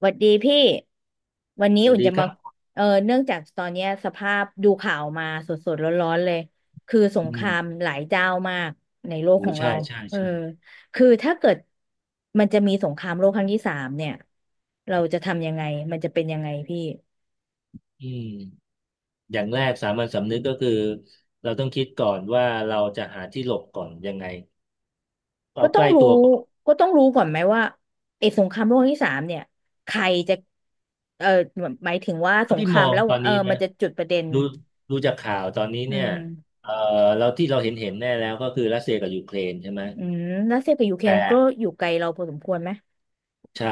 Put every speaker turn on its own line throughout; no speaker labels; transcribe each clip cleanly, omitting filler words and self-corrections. หวัดดีพี่วันนี้
สวั
อุ่
ส
น
ดี
จะ
ค
มา
รับ
อเนื่องจากตอนเนี้ยสภาพดูข่าวมาสดๆร้อนๆเลย คือส
อื
งคราม
ม
หลายเจ้ามากในโลก
โอ้
ของ
ใช่
เรา
ใช่
เออ
ใช่
คือถ้าเกิดมันจะมีสงครามโลกครั้งที่สามเนี่ยเราจะทำยังไงมันจะเป็นยังไงพี่
อืมอย่างแรกสามัญสำนึกก็คือเราต้องคิดก่อนว่าเราจะหาที่หลบก่อนยังไงเอา
ก็ต้
ใก
อง
ล้
รู้
ตัวก่อน
ก็ต้องรู้ก่อนไหมว่าไอ้สงครามโลกครั้งที่สามเนี่ยใครจะเออหมายถึงว่าส
เท่า
ง
ที่
ครา
มอ
ม
ง
แล้ว
ตอนนี้
มั
นะ
นจะจุดประเด็น
ดูดูจากข่าวตอนนี้
อื
เนี่ย
ม
เอ่อเราที่เราเห็นเห็นแน่แล้วก็คือรัสเซียกับยูเครนใช่ไหม
อืมรัสเซียกับยูเคร
แต่
นก็อยู่ไกลเราพอสมควรไหม
ใช่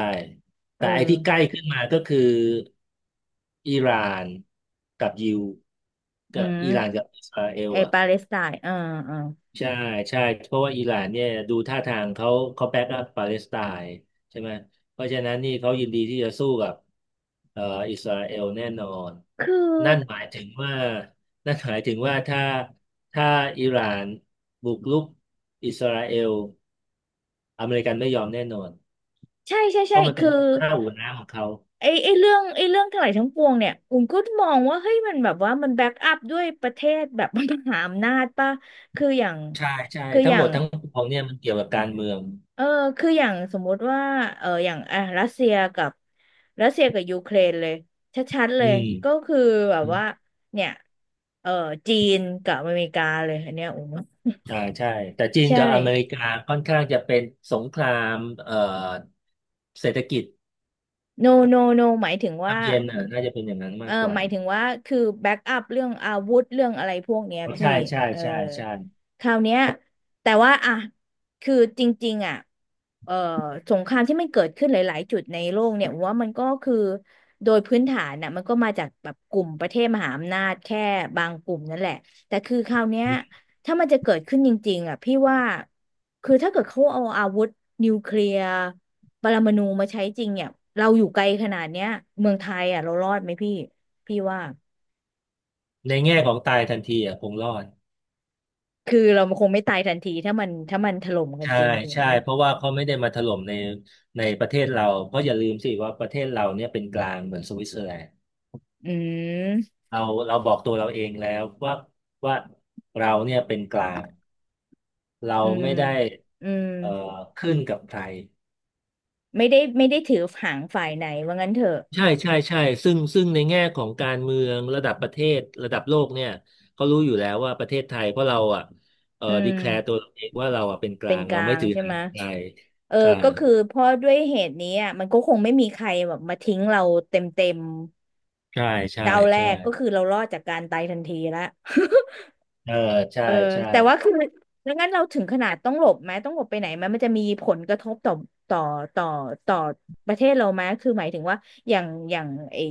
เออ
แต่ไอ้ที่ใกล้ขึ้นมาก็คืออิหร่านกับยิว
อื
กับอิหร่านกั
ม
บอิสราเอล
ไอ
อ่ะ
ปาเลสไตน์เออ
ใช่ใช่เพราะว่าอิหร่านเนี่ยดูท่าทางเขาเขาแบ็กอัพปาเลสไตน์ใช่ไหมเพราะฉะนั้นนี่เขายินดีที่จะสู้กับเอ่ออิสราเอลแน่นอน
คื
นั่นห
อ
มายถึงว่านั่นหมายถึงว่าถ้าถ้าอิหร่านบุกรุกอิสราเอลอเมริกันไม่ยอมแน่นอน
ใช่ใช่
เพ
ใช่
ราะมันเป็น
คือ
ข้าวหัวน้ำของเขา
ไอไอเรื่องไอเรื่องทั้งหลายทั้งปวงเนี่ยอุ้มก็มองว่าเฮ้ยมันแบบว่ามันแบ็กอัพด้วยประเทศแบบ มหาอำนาจป่ะคืออย่าง
ใช่ใช่
คืออ
ทั้งห
ย่า
ม
ง
ดทั้งปวงเนี่ยมันเกี่ยวกับการเมือง
เออคืออย่างสมมุติว่าอย่างอ่ะรัสเซียกับยูเครนเลยชัดๆเล
อ
ยก็
ื
คือแบบว่า
ม
เนี่ยเออจีนกับอเมริกาเลยอันเนี้ยอุ้ม
อ่าใช่แต่จีน
ใช่
กับอเมริกาค่อนข้างจะเป็นสงครามเอ่อเศรษฐกิจ
no no no หมายถึงว่า
นำเย็นอ่ะน่าจะเป็นอย่างนั้นมากกว่า
หมายถึงว่าคือแบ็กอัพเรื่องอาวุธเรื่องอะไรพวกเนี้ย
อ๋อ
พี่
ใช่ใช่
อ
ใช่ใช่
คราวเนี้ยแต่ว่าอ่ะคือจริงๆอ่ะเออสงครามที่มันเกิดขึ้นหลายๆจุดในโลกเนี่ยผมว่ามันก็คือโดยพื้นฐานน่ะมันก็มาจากแบบกลุ่มประเทศมหาอำนาจแค่บางกลุ่มนั่นแหละแต่คือคราวเนี้ยถ้ามันจะเกิดขึ้นจริงๆอ่ะพี่ว่าคือถ้าเกิดเขาเอาอาวุธนิวเคลียร์ปรมาณูมาใช้จริงเนี่ยเราอยู่ไกลขนาดเนี้ยเมืองไทยอ่ะเรารอดไหมพี่ พี่ว่า
ในแง่ของตายทันทีอ่ะคงรอด
คือเราคงไม่ตายทันทีถ้ามันถล่มกัน
ใช่
จริงถูก
ใช่
ไหม
เพราะว่าเขาไม่ได้มาถล่มในประเทศเราเพราะอย่าลืมสิว่าประเทศเราเนี่ยเป็นกลางเหมือนสวิตเซอร์แลนด์
อืม
เราเราบอกตัวเราเองแล้วว่าเราเนี่ยเป็นกลางเรา
อืม
ไม่ได้
อืม
เอ่อขึ้นกับใคร
ไม่ได้ไม่ได้ถือหางฝ่ายไหนว่างั้นเถอะ
ใช่ใช่ใช่ซึ่งในแง่ของการเมืองระดับประเทศระดับโลกเนี่ยเขารู้อยู่แล้วว่าประเทศไทยเพราะเราอ่ะ
อื
ดี
ม
แคลร์ตัวเราเองว่าเราอ่ะเป็นก
เป็
ลา
น
ง
ก
เรา
ลา
ไม่
ง
ถือ
ใช่ไห
หา
ม
งใคร
เออ
ใช่
ก็คือเพราะด้วยเหตุนี้อ่ะมันก็คงไม่มีใครแบบมาทิ้งเราเต็มเต็ม
ใช่ใช่
เจ้าแร
ใช่
กก็คือเรารอดจากการตายทันทีละ
เออใช่
เออ
ใช่
แต่ว่าคือแล้วงั้นเราถึงขนาดต้องหลบไหมต้องหลบไปไหนไหมมันจะมีผลกระทบต่อต่อต่อต่อประเทศเราไหมคือหมายถึงว่าอย่างอย่างไอ้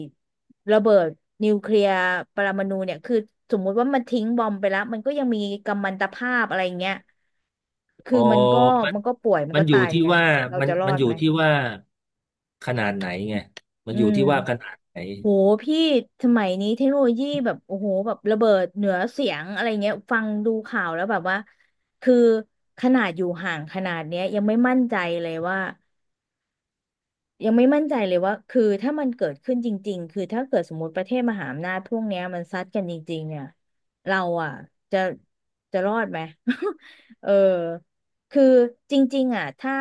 ระเบิดนิวเคลียร์ปรมาณูเนี่ยคือสมมุติว่ามันทิ้งบอมไปแล้วมันก็ยังมีกัมมันตภาพอะไรอย่างเงี้ยคื
อ๋
อ
อ
มันก็
มัน
มันก็ป่วยมัน
มัน
ก็
อยู่
ตายเหมือ
ที่
นกัน
ว่า
เรา
มัน
จะรอ
มัน
ด
อยู่
ไหม
ที่ว่าขนาดไหนไงมัน
อื
อยู่
ม
ที่ว่าขนาดไหน
โหพี่สมัยนี้เทคโนโลยีแบบโอ้โหแบบระเบิดเหนือเสียงอะไรเงี้ยฟังดูข่าวแล้วแบบว่าคือขนาดอยู่ห่างขนาดเนี้ยยังไม่มั่นใจเลยว่า ยังไม่มั่นใจเลยว่า คือถ้ามันเกิดขึ้นจริงๆ คือถ้าเกิดสมมติประเทศมหาอำนาจพวกเนี้ยมันซัดกันจริงๆเนี่ยเราอ่ะจะจะรอดไหม เออคือจริงๆอ่ะถ้า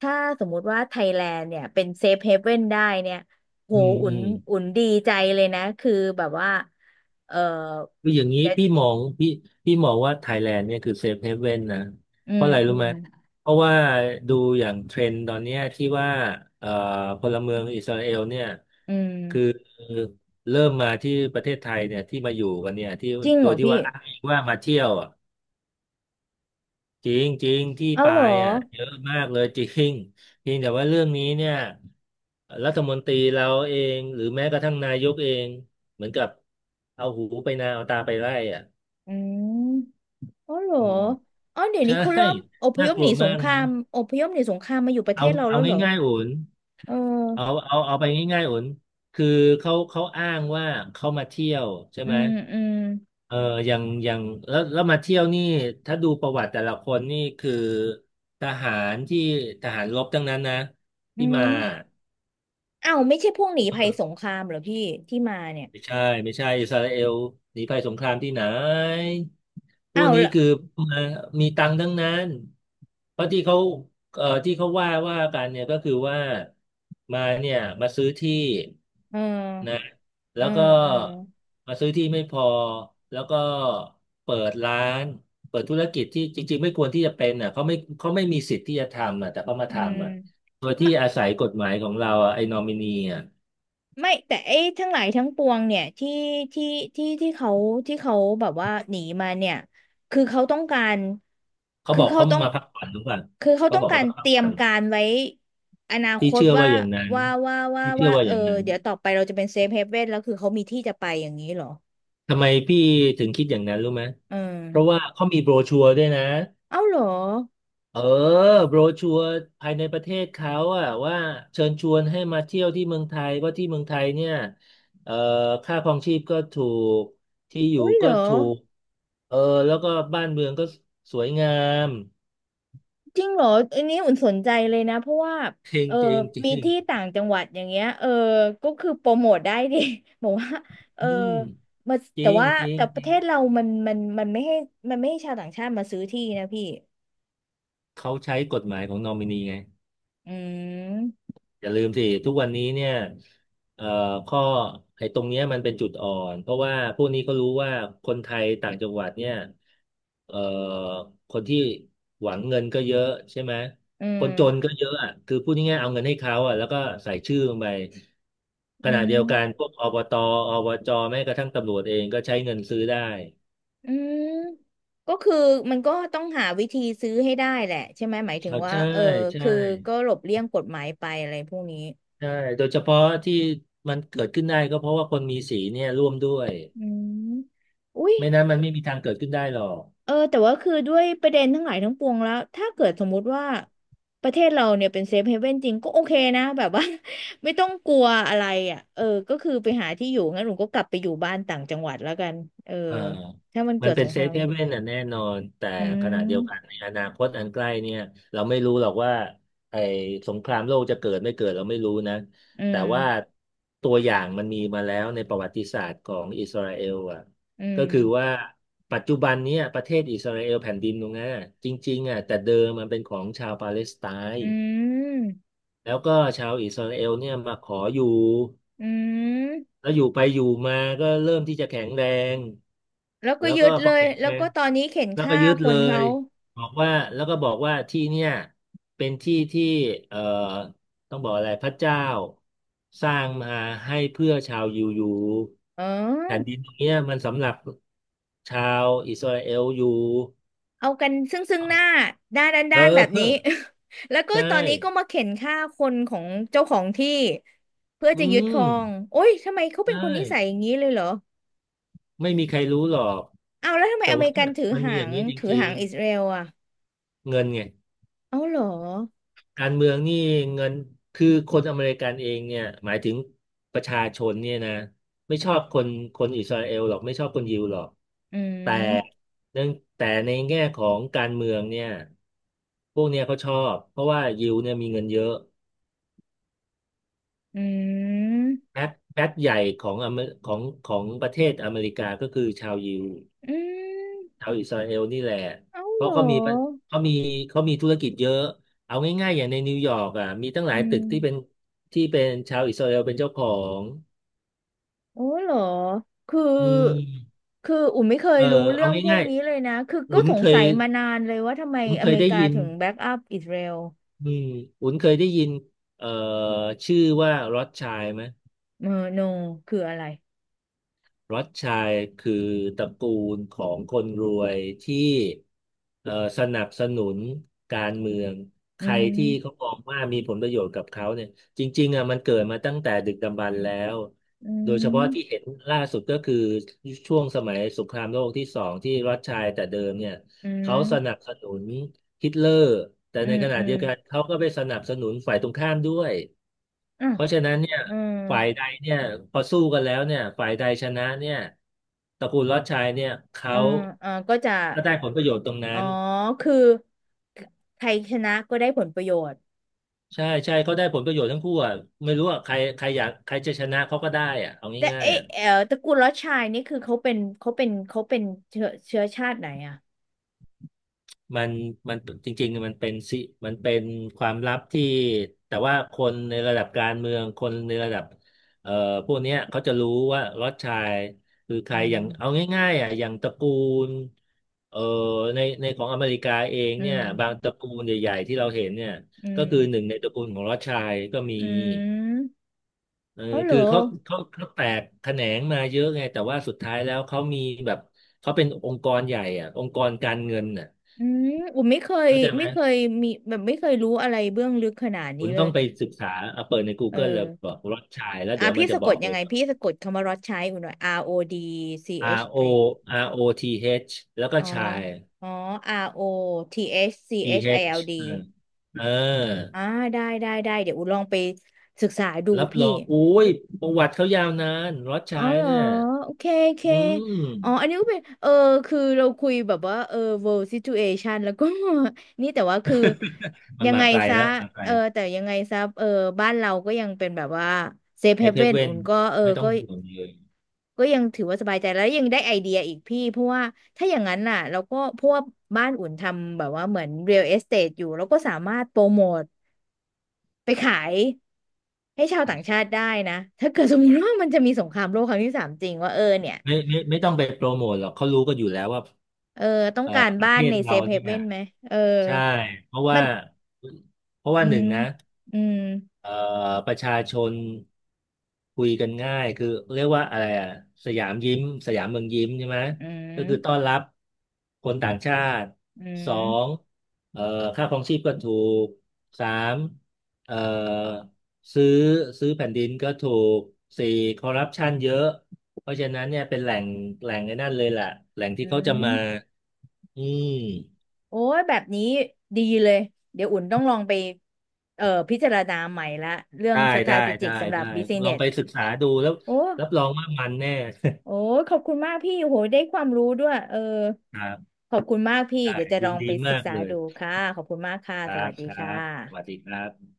ถ้าสมมุติว่าไทยแลนด์เนี่ยเป็นเซฟเฮเว่นได้เนี่ย โห
อืม
อุ่
อื
น
ม
อุ่นดีใจเลยนะ คือแบบว่า เออ
คืออย่างนี้
จ
พี่มองว่าไทยแลนด์เนี่ยคือเซฟเฮเว่นนะ
อื
เพ
ม
ราะอะไร
อื
รู้
ม
ไหมเพราะว่าดูอย่างเทรนด์ตอนเนี้ยที่ว่าเอ่อพลเมืองอิสราเอลเนี่ย
อืม
คือเริ่มมาที่ประเทศไทยเนี่ยที่มาอยู่กันเนี่ยที่
จริง
โด
เหร
ย
อ
ที่
พี่
ว่าอ้างอิงว่ามาเที่ยวอ่ะจริงจริงที่
เอา
ปา
เหรอ
ยอ่ะเยอะมากเลยจริงเพียงแต่ว่าเรื่องนี้เนี่ยรัฐมนตรีเราเองหรือแม้กระทั่งนายกเองเหมือนกับเอาหูไปนาเอาตาไปไล่อ่ะ
อืม อ๋อเหรอ
อืม
อ๋อเดี๋ยวนี้
ใช่
เขาเริ่มอพ
น่า
ยพ
ก
ห
ลั
นี
ว
ส
มา
ง
ก
ครา
นะ
มอพยพหนีสงครามมาอยู่ประเท
เอา
ศเรา
เอา
แล้วเหรอ
ง่ายๆโอน
เอ
เอา
อ
เอาเอาไปง่ายๆโอนคือเขาอ้างว่าเขามาเที่ยวใช่
อื
ไหม
มอืม
เอออย่างแล้วมาเที่ยวนี่ถ้าดูประวัติแต่ละคนนี่คือทหารที่ทหารรบทั้งนั้นนะ
อื
ที่มา
มอ้าวไม่ใช่พวกหนีภัยสงครามเหรอพี่ที่มาเนี่ย
ไม่ใช่ไม่ใช่อิสราเอลหนีภัยสงครามที่ไหนพว
อ้า
ก
ว
นี้
ละ
คือมามีตังค์ทั้งนั้นเพราะที่เขาที่เขาว่ากันเนี่ยก็คือว่ามาเนี่ยมาซื้อที่
เอ
นะ
อเอ
แล้
อ
วก็
เออ
มาซื้อที่ไม่พอแล้วก็เปิดร้านเปิดธุรกิจที่จริงๆไม่ควรที่จะเป็นอ่ะเขาไม่เขาไม่มีสิทธิ์ที่จะทำอ่ะแต่เขามา
อื
ทำอ่ะ
ม
โดยที่อาศัยกฎหมายของเราอ่ะไอ้นอมินีอ่ะ
ไม่แต่ไอ้ทั้งหลายทั้งปวงเนี่ยที่ที่ที่เขาที่เขาแบบว่าหนีมาเนี่ยคือเขาต้องการ
เขา
คื
บ
อ
อก
เขา
เขา
ต้อง
มาพักผ่อนรือป่
คือเขา
เขา
ต้อ
บอ
ง
ก
กา
เขา
ร
มาพั
เต
ก
รีย
ผ่อ
ม
น
การไว้อนาค
พี่
ต
เชื่อ
ว่า
ว่าอย่างนั้น
ว่าว่าว่า
พี่เชื่อ
ว่า
ว่า
เอ
อ
อ
ย่างนั้น
เดี๋ยวต่อไปเราจะเป็นเซฟเฮเว่นแล้วคือเขามีที่จะไปอย่างนี้เหรอ
ทำไมพี่ถึงคิดอย่างนั้นรู้ไหม
อืม
เพราะว่าเขามีโบรชัวร์ด้วยนะ
เอ้าเหรอ
เออโบรชัวร์ภายในประเทศเขาอะว่าเชิญชวนให้มาเที่ยวที่เมืองไทยเพราะที่เมืองไทยเนี่ยเอ่อค่าครองชีพก็ถูกที่อยู่
อุ้ยเหร
ก็
อ
ถูกเออแล้วก็บ้านเมืองก็สวยงาม
จริงเหรออันนี้อุ่นสนใจเลยนะเพราะว่า
จริง
เออ
จริงจ
มี
ริง
ที่ต่างจังหวัดอย่างเงี้ยก็คือโปรโมทได้ดิ บอกว่าเออ
อืม
มา
จริ
แต่
ง
ว่า
จร
แต่ประ
ิ
เท
ง
ศเรามันไม่ให้มันไม่ให้ชาวต่างชาติมาซื้อที่นะพี่
เขาใช้กฎหมายของนอมินีไง
อืม
อย่าลืมสิทุกวันนี้เนี่ยเอ่อข้อไอ้ตรงเนี้ยมันเป็นจุดอ่อนเพราะว่าพวกนี้ก็รู้ว่าคนไทยต่างจังหวัดเนี่ยเอ่อคนที่หวังเงินก็เยอะใช่ไหม
อื
คนจนก็
ม
เยอะอ่ะคือพูดง่ายๆเอาเงินให้เขาอ่ะแล้วก็ใส่ชื่อลงไปข
อื
ณะ
ม
เดียวกันพวกอบตอบจแม้กระทั่งตำรวจเองก็ใช้เงินซื้อได้
อืมก็คือมันก็ต้องหาวิธีซื้อให้ได้แหละใช่ไหมหมายถึง
เอา
ว่า
ใช่ใช่
คือก็หลบเลี่ยงกฎหมายไปอะไรพวกนี้
ใช่โดยเฉพาะที่มันเกิดขึ้นได้ก็เพราะว่าคนมีสีเนี่ยร่วมด้วย
อืมอุ้ย
ไม่นั้นมันไม่มีทางเกิดขึ้นได้หรอก
แต่ว่าคือด้วยประเด็นทั้งหลายทั้งปวงแล้วถ้าเกิดสมมุติว่าประเทศเราเนี่ยเป็นเซฟเฮเว่นจริงก็โอเคนะแบบว่า ไม่ต้องกลัวอะไรอ่ะก็คือไปหาที่อยู่งั้นหนูก็กลับไปอยู่บ้านต่างจังหวัดแล้วกันเออ
เออ
ถ้ามัน
มั
เกิ
น
ด
เป็
ส
น
ง
เซ
ครา
ฟ
ม
เฮเว่นน่ะแน่นอนแต่
อื
ขณะเดียวกัน
ม
ในอนาคตอันใกล้เนี่ยเราไม่รู้หรอกว่าไอ้สงครามโลกจะเกิดไม่เกิดเราไม่รู้นะ
อื
แต่
ม
ว่าตัวอย่างมันมีมาแล้วในประวัติศาสตร์ของอิสราเอลอ่ะ
อื
ก็
ม
คือว่าปัจจุบันเนี้ยประเทศอิสราเอลแผ่นดินตรงนั้นอะจริงๆอ่ะแต่เดิมมันเป็นของชาวปาเลสไต
อื
น์
ม
แล้วก็ชาวอิสราเอลเนี่ยมาขออยู่
อืม
แล้วอยู่ไปอยู่มาก็เริ่มที่จะแข็งแรง
แล้วก็
แล้ว
ยึ
ก็
ด
พ
เล
อ
ย
แข็ง
แล้
แร
วก็
ง
ตอนนี้เข็น
แล้วก็
ฆ่า
ยึด
ค
เล
นเขา
ยบอกว่าแล้วก็บอกว่าที่เนี่ยเป็นที่ที่เอ่อต้องบอกอะไรพระเจ้าสร้างมาให้เพื่อชาวยิวอยู่
เอ๋
แผ่น
อ
ดินตรงเนี้ยมันสำหรับชาวอิสราเอลอยู่
เอากันซึ่งซึ่งหน้าด้านแบบ
เอ
นี้
อ
แล้วก็
ใช่
ตอนนี้ก็มาเข็นฆ่าคนของเจ้าของที่เพื่อ
อื
จะยึดคร
ม
องโอ้ยทำไมเขาเป็น
ใช่
คนนิสัยอย่างนี้เลยเหรอ
ไม่มีใครรู้หรอก
เอาแล้วทำไม
แต่
อเม
ว่า
ริกันถือ
มันมี
หา
อย่าง
ง
นี้จ
ถือ
ริ
หาง
ง
อิสราเอลอ่ะ
ๆเงินไง
เอาเหรอ
การเมืองนี่เงินคือคนอเมริกันเองเนี่ยหมายถึงประชาชนเนี่ยนะไม่ชอบคนอิสราเอลหรอกไม่ชอบคนยิวหรอก
อื
แต่
ม
เนื่องแต่ในแง่ของการเมืองเนี่ยพวกเนี้ยเขาชอบเพราะว่ายิวเนี่ยมีเงินเยอะ
อืม
แพ็คใหญ่ของอเมของประเทศอเมริกาก็คือชาวยิว
อืม
ชาวอิสราเอลนี่แหละ
เอา
เพ
เหร
ราะ
อ
เขามีเขามีธุรกิจเยอะ เอาง่ายๆอย่างในนิวยอร์กอ่ะมีตั้งห
อื
ลายตึกที่เป็น
ม
ที่เป็นชาวอิสราเอลเป็นเจ้าของ
โอ้เหรอคือ
อืม
คืออุ่นไม่เคย
เออ
รู้เรื่
เอา
องพวก
ง่าย
นี้เลยนะคือ
ๆ
ก็สงสัยมานานเลยว่าทำไม
อุ่น
อ
เค
เม
ย
ริ
ได้
กา
ยิน
ถึงแบ็กอัพอิสราเอล
อืมอุ่นเคยได้ยินเอ่อชื่อว่ารอ h ชัยไหม
เออโนคืออะไร
รสชัยคือตระกูลของคนรวยที่เอ่อสนับสนุนการเมืองใค
อื
ร
ม
ที่เขามองว่ามีผลประโยชน์กับเขาเนี่ยจริงๆอ่ะมันเกิดมาตั้งแต่ดึกดำบรรพ์แล้ว
อื
โดยเฉพาะ
ม
ที่เห็นล่าสุดก็คือช่วงสมัยสงครามโลกที่สองที่รัสชัยแต่เดิมเนี่ย
อื
เขาสนับ
ม
สนุนฮิตเลอร์แต่
อื
ใน
ม
ขณะ
อื
เดี
ม
ยวกันเขาก็ไปสนับสนุนฝ่ายตรงข้ามด้วย
อ่ะ
เพราะฉะนั้นเนี่ย
เออ
ฝ่ายใดเนี่ยพอสู้กันแล้วเนี่ยฝ่ายใดชนะเนี่ยตระกูลลอดชายเนี่ยเขา
เออเออก็จะ
ก็ได้ผลประโยชน์ตรง
อ๋อ
นั้น
คือใครชนะก็ได้ผลประโยชน์
ใช่ใช่เขาได้ผลประโยชน์ทั้งคู่อ่ะไม่รู้อ่ะใครใครอยากใครจะชนะเขาก็ได้อ่ะเอา
แต่
ง่ายๆ
เอ๊ะ
อ่ะ
เออตระกูลลอดชายนี่คือเขาเป็นเชื้อชาติไหนอ่ะ
มันมันจริงๆมันเป็นความลับที่แต่ว่าคนในระดับการเมืองคนในระดับเอ่อพวกเนี้ยเขาจะรู้ว่าล็อตชายคือใค
อื
รอย่างเอา
ม
ง่ายๆอ่ะอย่างตระกูลเอ่อในของอเมริกาเอง
อื
เนี่ย
ม
บางตระกูลใหญ่ๆที่เราเห็นเนี่ย
อื
ก็คือห
ม
นึ่งในตระกูลของล็อตชายก็มี
อืม
เออ
เขาเหร
คื
อ
อเขาแตกแขนงมาเยอะไงแต่ว่าสุดท้ายแล้วเขามีแบบเขาเป็นองค์กรใหญ่อ่ะองค์กรการเงินน่ะ
อืมอุมไม่เคย
เข้าใจไหม
ไม่เคยมีแบบไม่เคยรู้อะไรเบื้องลึกขนาดนี้
คุณ
เล
ต้อ
ย
งไปศึกษาเอาเปิดใน
เอ
Google เล
อ
ยบอกรสชายแล้ว
อ่ะ
เดี๋ยวมั
พี่
นจะ
สะก
บ
ด
อก
ยั
เล
ง
ย
ไง
บอก
พี่สะกดคำว่ารอดชัยอุ่นหน่อย R O D C H
R
I อชไอ
O R O T H แล้วก็
อ๋อ
ชาย
อ๋อ R O T H C
T
H I
H
L D
เอ
อชซีเอ
ช
ชไอแอลดี
เออเออ
อ่าได้ได้ได้เดี๋ยวอุ่นลองไปศึกษาดู
รับร
พี่
องอุ้ยประวัติเขายาวนานรส
อ๋
ชา
อ
ย
เหรอ
เนี่ย
โอเคโอเค
อื
อ๋ออัน
ม
นี้ก็เป็นเออคือเราคุยแบบว่าเออ world situation แล้วก็ นี่แต่ว่าคือ
มัน
ยัง
มา
ไง
ไกล
ซะ
แล้วมาไกล
เออแต่ยังไงซะเออบ้านเราก็ยังเป็นแบบว่า safe
เอฟเอฟ
haven
เว่
อุ่
น
นก็เออ
ไม่ต้อ
ก็
งห่วงเลย
ก็ยังถือว่าสบายใจแล้วยังได้ไอเดียอีกพี่เพราะว่าถ้าอย่างนั้นน่ะเราก็พวกบ้านอุ่นทำแบบว่าเหมือน real estate อยู่เราก็สามารถโปรโมทไปขายให้ชาวต่างชาติได้นะถ้าเกิดสมมติว่ามันจะมีสงครามโลกครั้งที่สามจริงว่าเออเนี่ย
ไม่ไม่ต้องไปโปรโมทหรอกเขารู้กันอยู่แล้วว่า
เออต้องการ
ประ
บ้า
เท
น
ศ
ในเซ
เรา
ฟเฮ
เนี่ย
เว่นไหมเออ
ใช่เพราะ
มั
ว่า
น
เพราะ
อื
ว่าหนึ่
ม
งนะ
อืม
เอ่อประชาชนคุยกันง่ายคือเรียกว่าอะไรอ่ะสยามยิ้มสยามเมืองยิ้มใช่ไหม
อื
ก็
ม
คือต้อนรับคนต่างชาติ
อื
สอง
ม
เอ่อค่าครองชีพก็ถูกสามเอ่อซื้อซื้อแผ่นดินก็ถูกสี่คอร์รัปชันเยอะเพราะฉะนั้นเนี่ยเป็นแหล่งไอ้นั่นเลยแหละแหล่งที่
อื
เขาจะมา
ม
อืม
โอ้ยแบบนี้ดีเลยเดี๋ยวอุ่นต้องลองไปพิจารณาใหม่ละเรื่อง
ได้ได้ได้
strategic สำหรับ
ได้ลอง
business
ไปศึกษาดูแล้ว
โอ้
รับรองว่ามันแน่
โอ้ ขอบคุณมากพี่โหได้ความรู้ด้วยเออ
ครับ
ขอบคุณมากพี่
ได้
เดี๋ยวจะล
ยิ
อ
น
งไป
ดี
ศึ
มา
ก
ก
ษา
เลย
ดูค่ะ ขอบคุณมากค่ะ
ครั
สวัส
บ
ดี
ครั
ค่
บสวัส
ะ
ดีครับ